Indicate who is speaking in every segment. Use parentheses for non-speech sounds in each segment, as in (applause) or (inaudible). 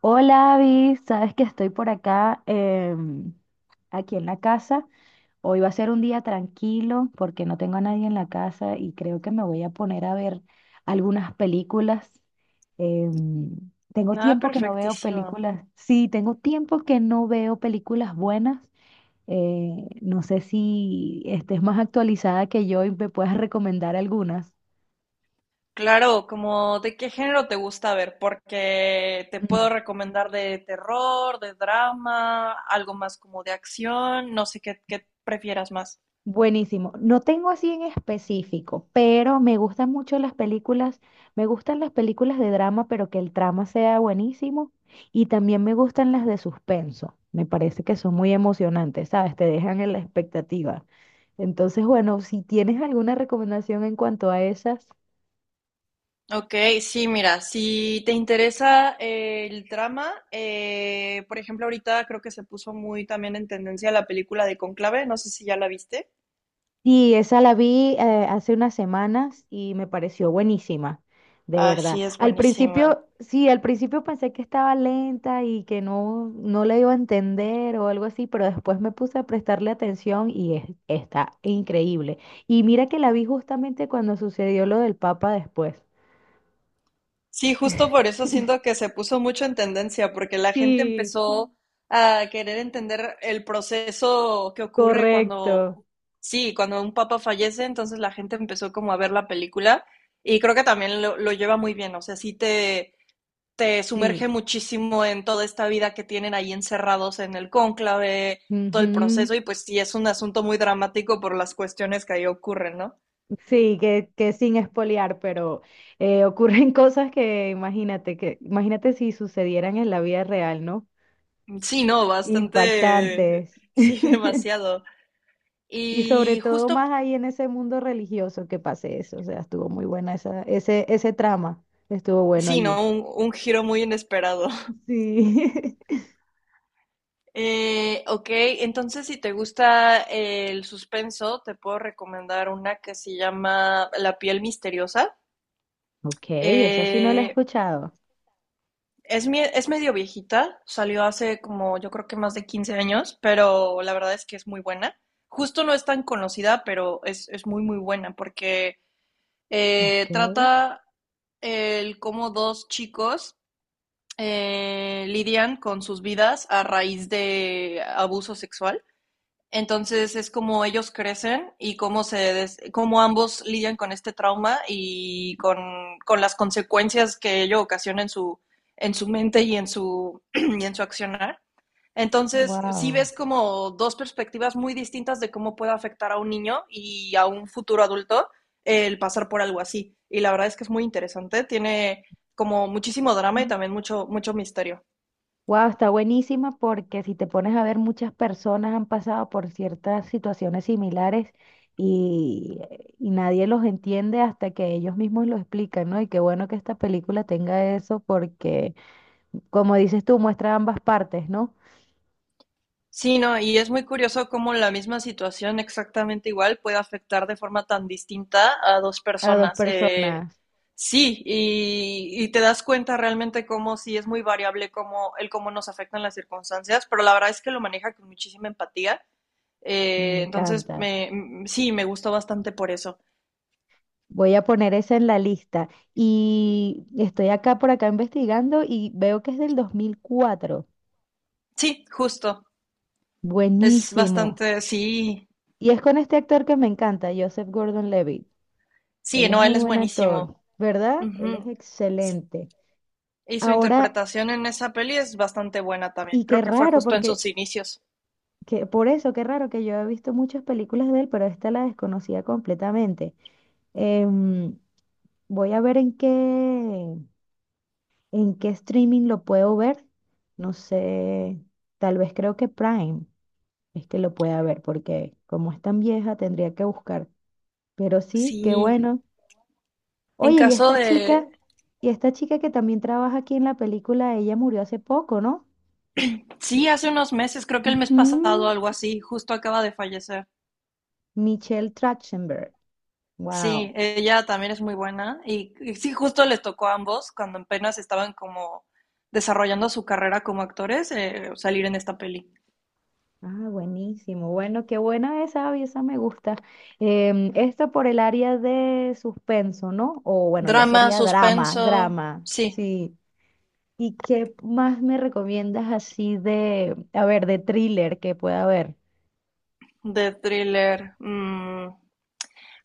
Speaker 1: Hola, Abby, sabes que estoy por acá, aquí en la casa. Hoy va a ser un día tranquilo porque no tengo a nadie en la casa y creo que me voy a poner a ver algunas películas. Em, Tengo
Speaker 2: Nada,
Speaker 1: tiempo que no veo
Speaker 2: perfectísimo.
Speaker 1: películas. Sí, tengo tiempo que no veo películas buenas. No sé si estés más actualizada que yo y me puedas recomendar algunas.
Speaker 2: Claro, como de qué género te gusta ver, porque te puedo recomendar de terror, de drama, algo más como de acción, no sé qué, qué prefieras más.
Speaker 1: Buenísimo. No tengo así en específico, pero me gustan mucho las películas. Me gustan las películas de drama, pero que el trama sea buenísimo. Y también me gustan las de suspenso. Me parece que son muy emocionantes, ¿sabes? Te dejan en la expectativa. Entonces, bueno, si tienes alguna recomendación en cuanto a esas.
Speaker 2: Ok, sí, mira, si te interesa el drama, por ejemplo, ahorita creo que se puso muy también en tendencia la película de Conclave, no sé si ya la viste.
Speaker 1: Y esa la vi hace unas semanas y me pareció buenísima, de
Speaker 2: Ah,
Speaker 1: verdad.
Speaker 2: sí, es
Speaker 1: Al
Speaker 2: buenísima.
Speaker 1: principio, sí, al principio pensé que estaba lenta y que no, no la iba a entender o algo así, pero después me puse a prestarle atención y está increíble. Y mira que la vi justamente cuando sucedió lo del Papa después.
Speaker 2: Sí, justo por eso siento que se puso mucho en tendencia, porque la gente
Speaker 1: Sí,
Speaker 2: empezó a querer entender el proceso que ocurre cuando,
Speaker 1: correcto.
Speaker 2: sí, cuando un papa fallece, entonces la gente empezó como a ver la película y creo que también lo lleva muy bien, o sea, sí te
Speaker 1: Sí.
Speaker 2: sumerge muchísimo en toda esta vida que tienen ahí encerrados en el cónclave, todo el
Speaker 1: Ujú.
Speaker 2: proceso y pues sí, es un asunto muy dramático por las cuestiones que ahí ocurren, ¿no?
Speaker 1: Sí, que sin espolear, pero ocurren (laughs) cosas que imagínate si sucedieran en la vida real, ¿no?
Speaker 2: Sí, no, bastante,
Speaker 1: Impactantes.
Speaker 2: sí, (laughs)
Speaker 1: (laughs)
Speaker 2: demasiado.
Speaker 1: Y sobre
Speaker 2: Y
Speaker 1: todo
Speaker 2: justo,
Speaker 1: más ahí en ese mundo religioso que pase eso. O sea, estuvo muy buena esa, ese trama. Estuvo bueno
Speaker 2: sí,
Speaker 1: allí.
Speaker 2: ¿no? Un giro muy inesperado. (laughs)
Speaker 1: Sí. (laughs)
Speaker 2: Ok, entonces si te gusta el suspenso, te puedo recomendar una que se llama La piel misteriosa.
Speaker 1: Ok, esa sí no la he
Speaker 2: Eh,
Speaker 1: escuchado.
Speaker 2: es, es medio viejita, salió hace como yo creo que más de 15 años, pero la verdad es que es muy buena. Justo no es tan conocida, pero es muy, muy buena porque
Speaker 1: Ok,
Speaker 2: trata el cómo dos chicos lidian con sus vidas a raíz de abuso sexual. Entonces es como ellos crecen y cómo, cómo ambos lidian con este trauma y con las consecuencias que ello ocasiona en su mente y en su, (clears throat) y en su accionar. Entonces, sí
Speaker 1: wow.
Speaker 2: ves como dos perspectivas muy distintas de cómo puede afectar a un niño y a un futuro adulto el pasar por algo así. Y la verdad es que es muy interesante, tiene como muchísimo drama y también mucho, mucho misterio.
Speaker 1: Wow, está buenísima porque si te pones a ver, muchas personas han pasado por ciertas situaciones similares y, y nadie los entiende hasta que ellos mismos lo explican, ¿no? Y qué bueno que esta película tenga eso porque, como dices tú, muestra ambas partes, ¿no?
Speaker 2: Sí, no, y es muy curioso cómo la misma situación exactamente igual puede afectar de forma tan distinta a dos
Speaker 1: A dos
Speaker 2: personas.
Speaker 1: personas.
Speaker 2: Sí, y te das cuenta realmente cómo sí es muy variable cómo, el cómo nos afectan las circunstancias, pero la verdad es que lo maneja con muchísima empatía.
Speaker 1: Me
Speaker 2: Entonces,
Speaker 1: encanta.
Speaker 2: sí, me gustó bastante por eso.
Speaker 1: Voy a poner esa en la lista. Y estoy acá por acá investigando y veo que es del 2004.
Speaker 2: Sí, justo. Es
Speaker 1: Buenísimo.
Speaker 2: bastante, sí,
Speaker 1: Y es con este actor que me encanta, Joseph Gordon-Levitt.
Speaker 2: sí,
Speaker 1: Él es
Speaker 2: no,
Speaker 1: muy
Speaker 2: él es
Speaker 1: buen actor,
Speaker 2: buenísimo.
Speaker 1: ¿verdad? Él es
Speaker 2: Ujú.
Speaker 1: excelente.
Speaker 2: Y su
Speaker 1: Ahora,
Speaker 2: interpretación en esa peli es bastante buena
Speaker 1: y
Speaker 2: también.
Speaker 1: qué
Speaker 2: Creo que fue
Speaker 1: raro,
Speaker 2: justo en sus inicios.
Speaker 1: por eso, qué raro que yo he visto muchas películas de él, pero esta la desconocía completamente. Em, Voy a ver en qué streaming lo puedo ver. No sé, tal vez creo que Prime es que lo pueda ver, porque como es tan vieja, tendría que buscar. Pero sí, qué
Speaker 2: Sí,
Speaker 1: bueno.
Speaker 2: en
Speaker 1: Oye,
Speaker 2: caso de...
Speaker 1: y esta chica que también trabaja aquí en la película, ella murió hace poco, ¿no?
Speaker 2: Sí, hace unos meses, creo que el mes pasado,
Speaker 1: Ujú,
Speaker 2: algo así, justo acaba de fallecer.
Speaker 1: Michelle Trachtenberg. Wow.
Speaker 2: Sí, ella también es muy buena. Y sí, justo les tocó a ambos cuando apenas estaban como desarrollando su carrera como actores, salir en esta peli.
Speaker 1: Ah, buenísimo. Bueno, qué buena esa, y esa me gusta. Esto por el área de suspenso, ¿no? O bueno, ya
Speaker 2: Drama,
Speaker 1: sería drama,
Speaker 2: suspenso,
Speaker 1: drama.
Speaker 2: sí,
Speaker 1: Sí. ¿Y qué más me recomiendas así de, a ver, de thriller que pueda haber?
Speaker 2: de thriller,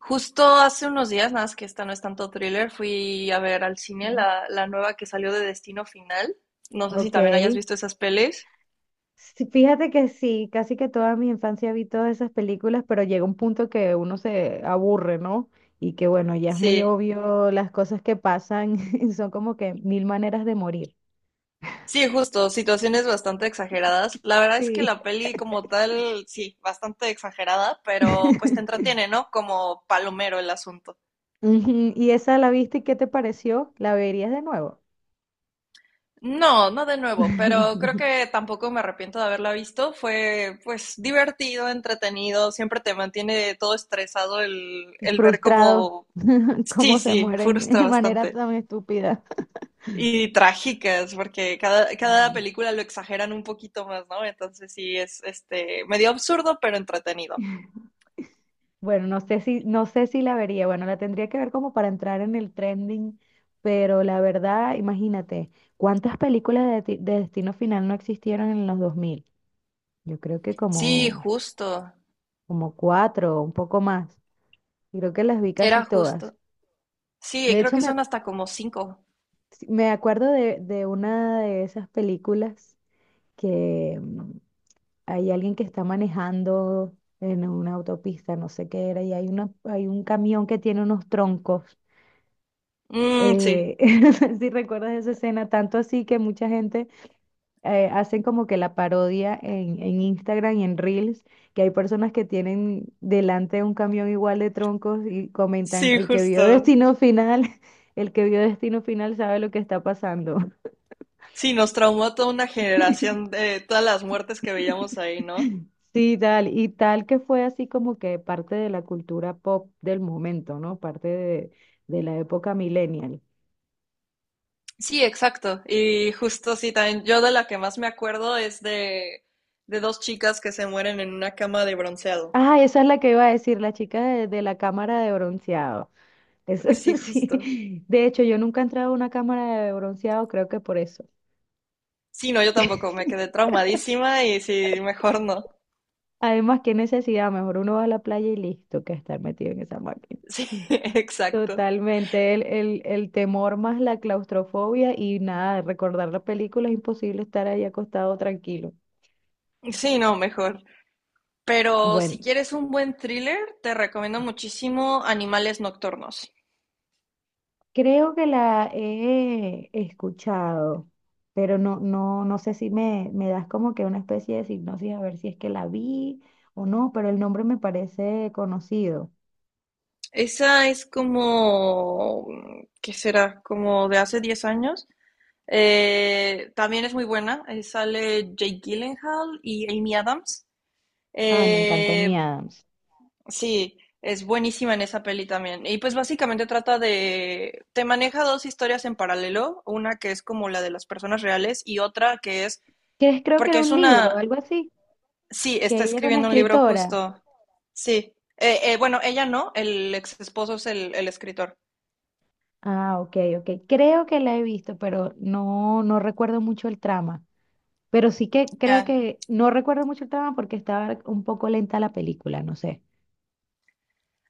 Speaker 2: justo hace unos días, nada más que esta no es tanto thriller, fui a ver al cine
Speaker 1: Mm.
Speaker 2: la, la nueva que salió de Destino Final. No sé si
Speaker 1: Ok.
Speaker 2: también hayas visto esas pelis.
Speaker 1: Sí, fíjate que sí, casi que toda mi infancia vi todas esas películas, pero llega un punto que uno se aburre, ¿no? Y que bueno, ya es muy
Speaker 2: Sí,
Speaker 1: obvio las cosas que pasan, (laughs) y son como que mil maneras de morir.
Speaker 2: sí, justo, situaciones bastante exageradas. La verdad es que
Speaker 1: Sí.
Speaker 2: la peli como tal, sí, bastante exagerada, pero pues te
Speaker 1: (laughs)
Speaker 2: entretiene, ¿no? Como palomero el asunto.
Speaker 1: Ujú, ¿y esa la viste y qué te pareció? ¿La verías de nuevo?
Speaker 2: No, no de nuevo, pero creo
Speaker 1: (laughs)
Speaker 2: que tampoco me arrepiento de haberla visto. Fue pues divertido, entretenido, siempre te mantiene todo estresado el ver
Speaker 1: Frustrado,
Speaker 2: cómo.
Speaker 1: (laughs)
Speaker 2: Sí,
Speaker 1: cómo se
Speaker 2: sí,
Speaker 1: mueren (laughs)
Speaker 2: frustra
Speaker 1: de manera
Speaker 2: bastante.
Speaker 1: tan estúpida.
Speaker 2: Y trágicas, porque cada, cada
Speaker 1: Sí.
Speaker 2: película lo exageran un poquito más, ¿no? Entonces sí, es este medio absurdo, pero entretenido.
Speaker 1: Bueno, no sé si, no sé si la vería. Bueno, la tendría que ver como para entrar en el trending, pero la verdad, imagínate, ¿cuántas películas de Destino Final no existieron en los 2000? Yo creo que
Speaker 2: Sí,
Speaker 1: como,
Speaker 2: justo.
Speaker 1: como cuatro, un poco más. Y creo que las vi casi
Speaker 2: Era
Speaker 1: todas.
Speaker 2: justo. Sí,
Speaker 1: De
Speaker 2: creo
Speaker 1: hecho,
Speaker 2: que son hasta como cinco.
Speaker 1: sí, me acuerdo de una de esas películas que hay alguien que está manejando en una autopista, no sé qué era, y hay un camión que tiene unos troncos.
Speaker 2: Mm, sí,
Speaker 1: Eh, (laughs) si recuerdas esa escena, tanto así que mucha gente hacen como que la parodia en Instagram y en Reels, que hay personas que tienen delante un camión igual de troncos y comentan,
Speaker 2: sí,
Speaker 1: el que vio
Speaker 2: justo.
Speaker 1: Destino Final, (laughs) el que vio Destino Final sabe lo que está pasando.
Speaker 2: Sí, nos traumó toda una generación de todas las muertes que veíamos ahí, ¿no?
Speaker 1: (laughs) Sí, tal, y tal que fue así como que parte de la cultura pop del momento, ¿no? Parte de la época millennial.
Speaker 2: Sí, exacto. Y justo sí, también yo de la que más me acuerdo es de dos chicas que se mueren en una cama de bronceado.
Speaker 1: Ah, esa es la que iba a decir, la chica de la cámara de bronceado. Eso
Speaker 2: Sí,
Speaker 1: (laughs)
Speaker 2: justo.
Speaker 1: sí. De hecho, yo nunca he entrado a una cámara de bronceado, creo que por eso.
Speaker 2: Sí, no, yo tampoco, me quedé traumadísima y sí, mejor no.
Speaker 1: Además, qué necesidad, mejor uno va a la playa y listo, que estar metido en esa máquina.
Speaker 2: Sí, (laughs) exacto.
Speaker 1: Totalmente, el temor más la claustrofobia y nada, recordar la película es imposible estar ahí acostado tranquilo.
Speaker 2: Sí, no, mejor. Pero si
Speaker 1: Bueno,
Speaker 2: quieres un buen thriller, te recomiendo muchísimo Animales Nocturnos.
Speaker 1: creo que la he escuchado, pero no, no, no sé si me das como que una especie de hipnosis a ver si es que la vi o no, pero el nombre me parece conocido.
Speaker 2: Esa es como, mm, ¿qué será? Como de hace 10 años. También es muy buena. Sale Jake Gyllenhaal y Amy Adams.
Speaker 1: Ay, me encanta Amy
Speaker 2: Eh,
Speaker 1: Adams.
Speaker 2: Sí, es buenísima en esa peli también. Y pues básicamente trata de, te maneja dos historias en paralelo, una que es como la de las personas reales y otra que es,
Speaker 1: Que creo que
Speaker 2: porque
Speaker 1: era
Speaker 2: es
Speaker 1: un libro, o
Speaker 2: una,
Speaker 1: algo así,
Speaker 2: sí,
Speaker 1: que
Speaker 2: está
Speaker 1: ella era una
Speaker 2: escribiendo un libro
Speaker 1: escritora.
Speaker 2: justo, sí. Bueno, ella no, el ex esposo es el escritor.
Speaker 1: Ah, ok, ok. Creo que la he visto, pero no, no recuerdo mucho el trama. Pero sí que creo
Speaker 2: Ah,
Speaker 1: que no recuerdo mucho el trama porque estaba un poco lenta la película, no sé.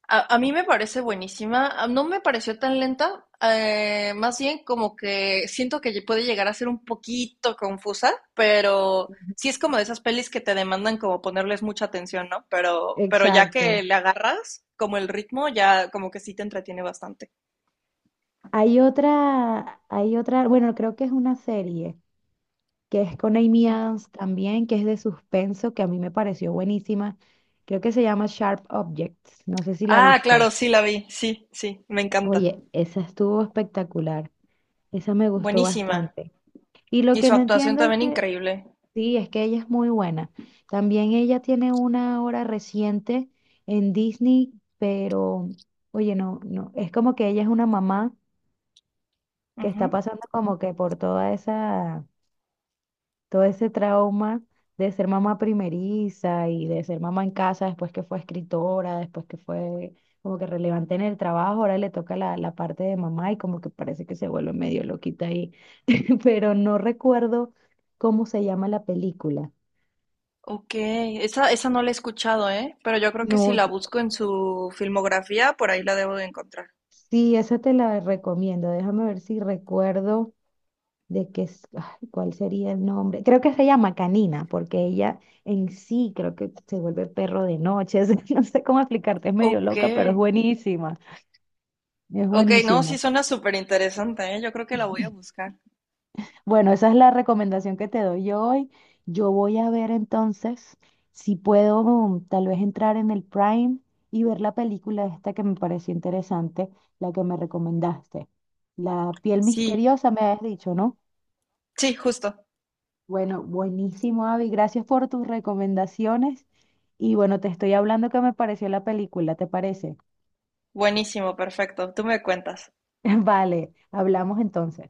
Speaker 2: a mí me parece buenísima, no me pareció tan lenta, más bien como que siento que puede llegar a ser un poquito confusa, pero sí es como de esas pelis que te demandan como ponerles mucha atención, ¿no? Pero ya que
Speaker 1: Exacto.
Speaker 2: le agarras como el ritmo, ya como que sí te entretiene bastante.
Speaker 1: Hay otra, bueno, creo que es una serie que es con Amy Adams también, que es de suspenso, que a mí me pareció buenísima. Creo que se llama Sharp Objects. No sé si la
Speaker 2: Ah,
Speaker 1: viste.
Speaker 2: claro, sí la vi, sí, sí, me encanta.
Speaker 1: Oye, esa estuvo espectacular. Esa me gustó
Speaker 2: Buenísima.
Speaker 1: bastante. Y lo
Speaker 2: Y
Speaker 1: que
Speaker 2: su
Speaker 1: no
Speaker 2: actuación
Speaker 1: entiendo es
Speaker 2: también
Speaker 1: que,
Speaker 2: increíble.
Speaker 1: sí, es que ella es muy buena. También ella tiene una hora reciente en Disney, pero, oye, no, no, es como que ella es una mamá que está
Speaker 2: Ujú.
Speaker 1: pasando como que por toda esa todo ese trauma de ser mamá primeriza y de ser mamá en casa después que fue escritora, después que fue como que relevante en el trabajo, ahora le toca la parte de mamá y como que parece que se vuelve medio loquita ahí, (laughs) pero no recuerdo cómo se llama la película.
Speaker 2: Ok, esa no la he escuchado, ¿eh? Pero yo creo que si
Speaker 1: No,
Speaker 2: la busco en su filmografía, por ahí la debo de encontrar.
Speaker 1: sí, esa te la recomiendo, déjame ver si recuerdo. Ay, ¿cuál sería el nombre? Creo que se llama Canina, porque ella en sí creo que se vuelve perro de noche. (laughs) No sé cómo explicarte, es medio
Speaker 2: Ok,
Speaker 1: loca, pero es buenísima, es
Speaker 2: ok, no, sí
Speaker 1: buenísima.
Speaker 2: suena súper interesante, ¿eh? Yo creo que la voy a buscar.
Speaker 1: Bueno, esa es la recomendación que te doy yo hoy. Yo voy a ver entonces si puedo tal vez entrar en el Prime y ver la película esta que me pareció interesante, la que me recomendaste. La piel
Speaker 2: Sí,
Speaker 1: misteriosa, me habías dicho, ¿no?
Speaker 2: sí, justo.
Speaker 1: Bueno, buenísimo, Avi. Gracias por tus recomendaciones. Y bueno, te estoy hablando que me pareció la película, ¿te parece?
Speaker 2: Buenísimo, perfecto. Tú me cuentas.
Speaker 1: (laughs) Vale, hablamos entonces.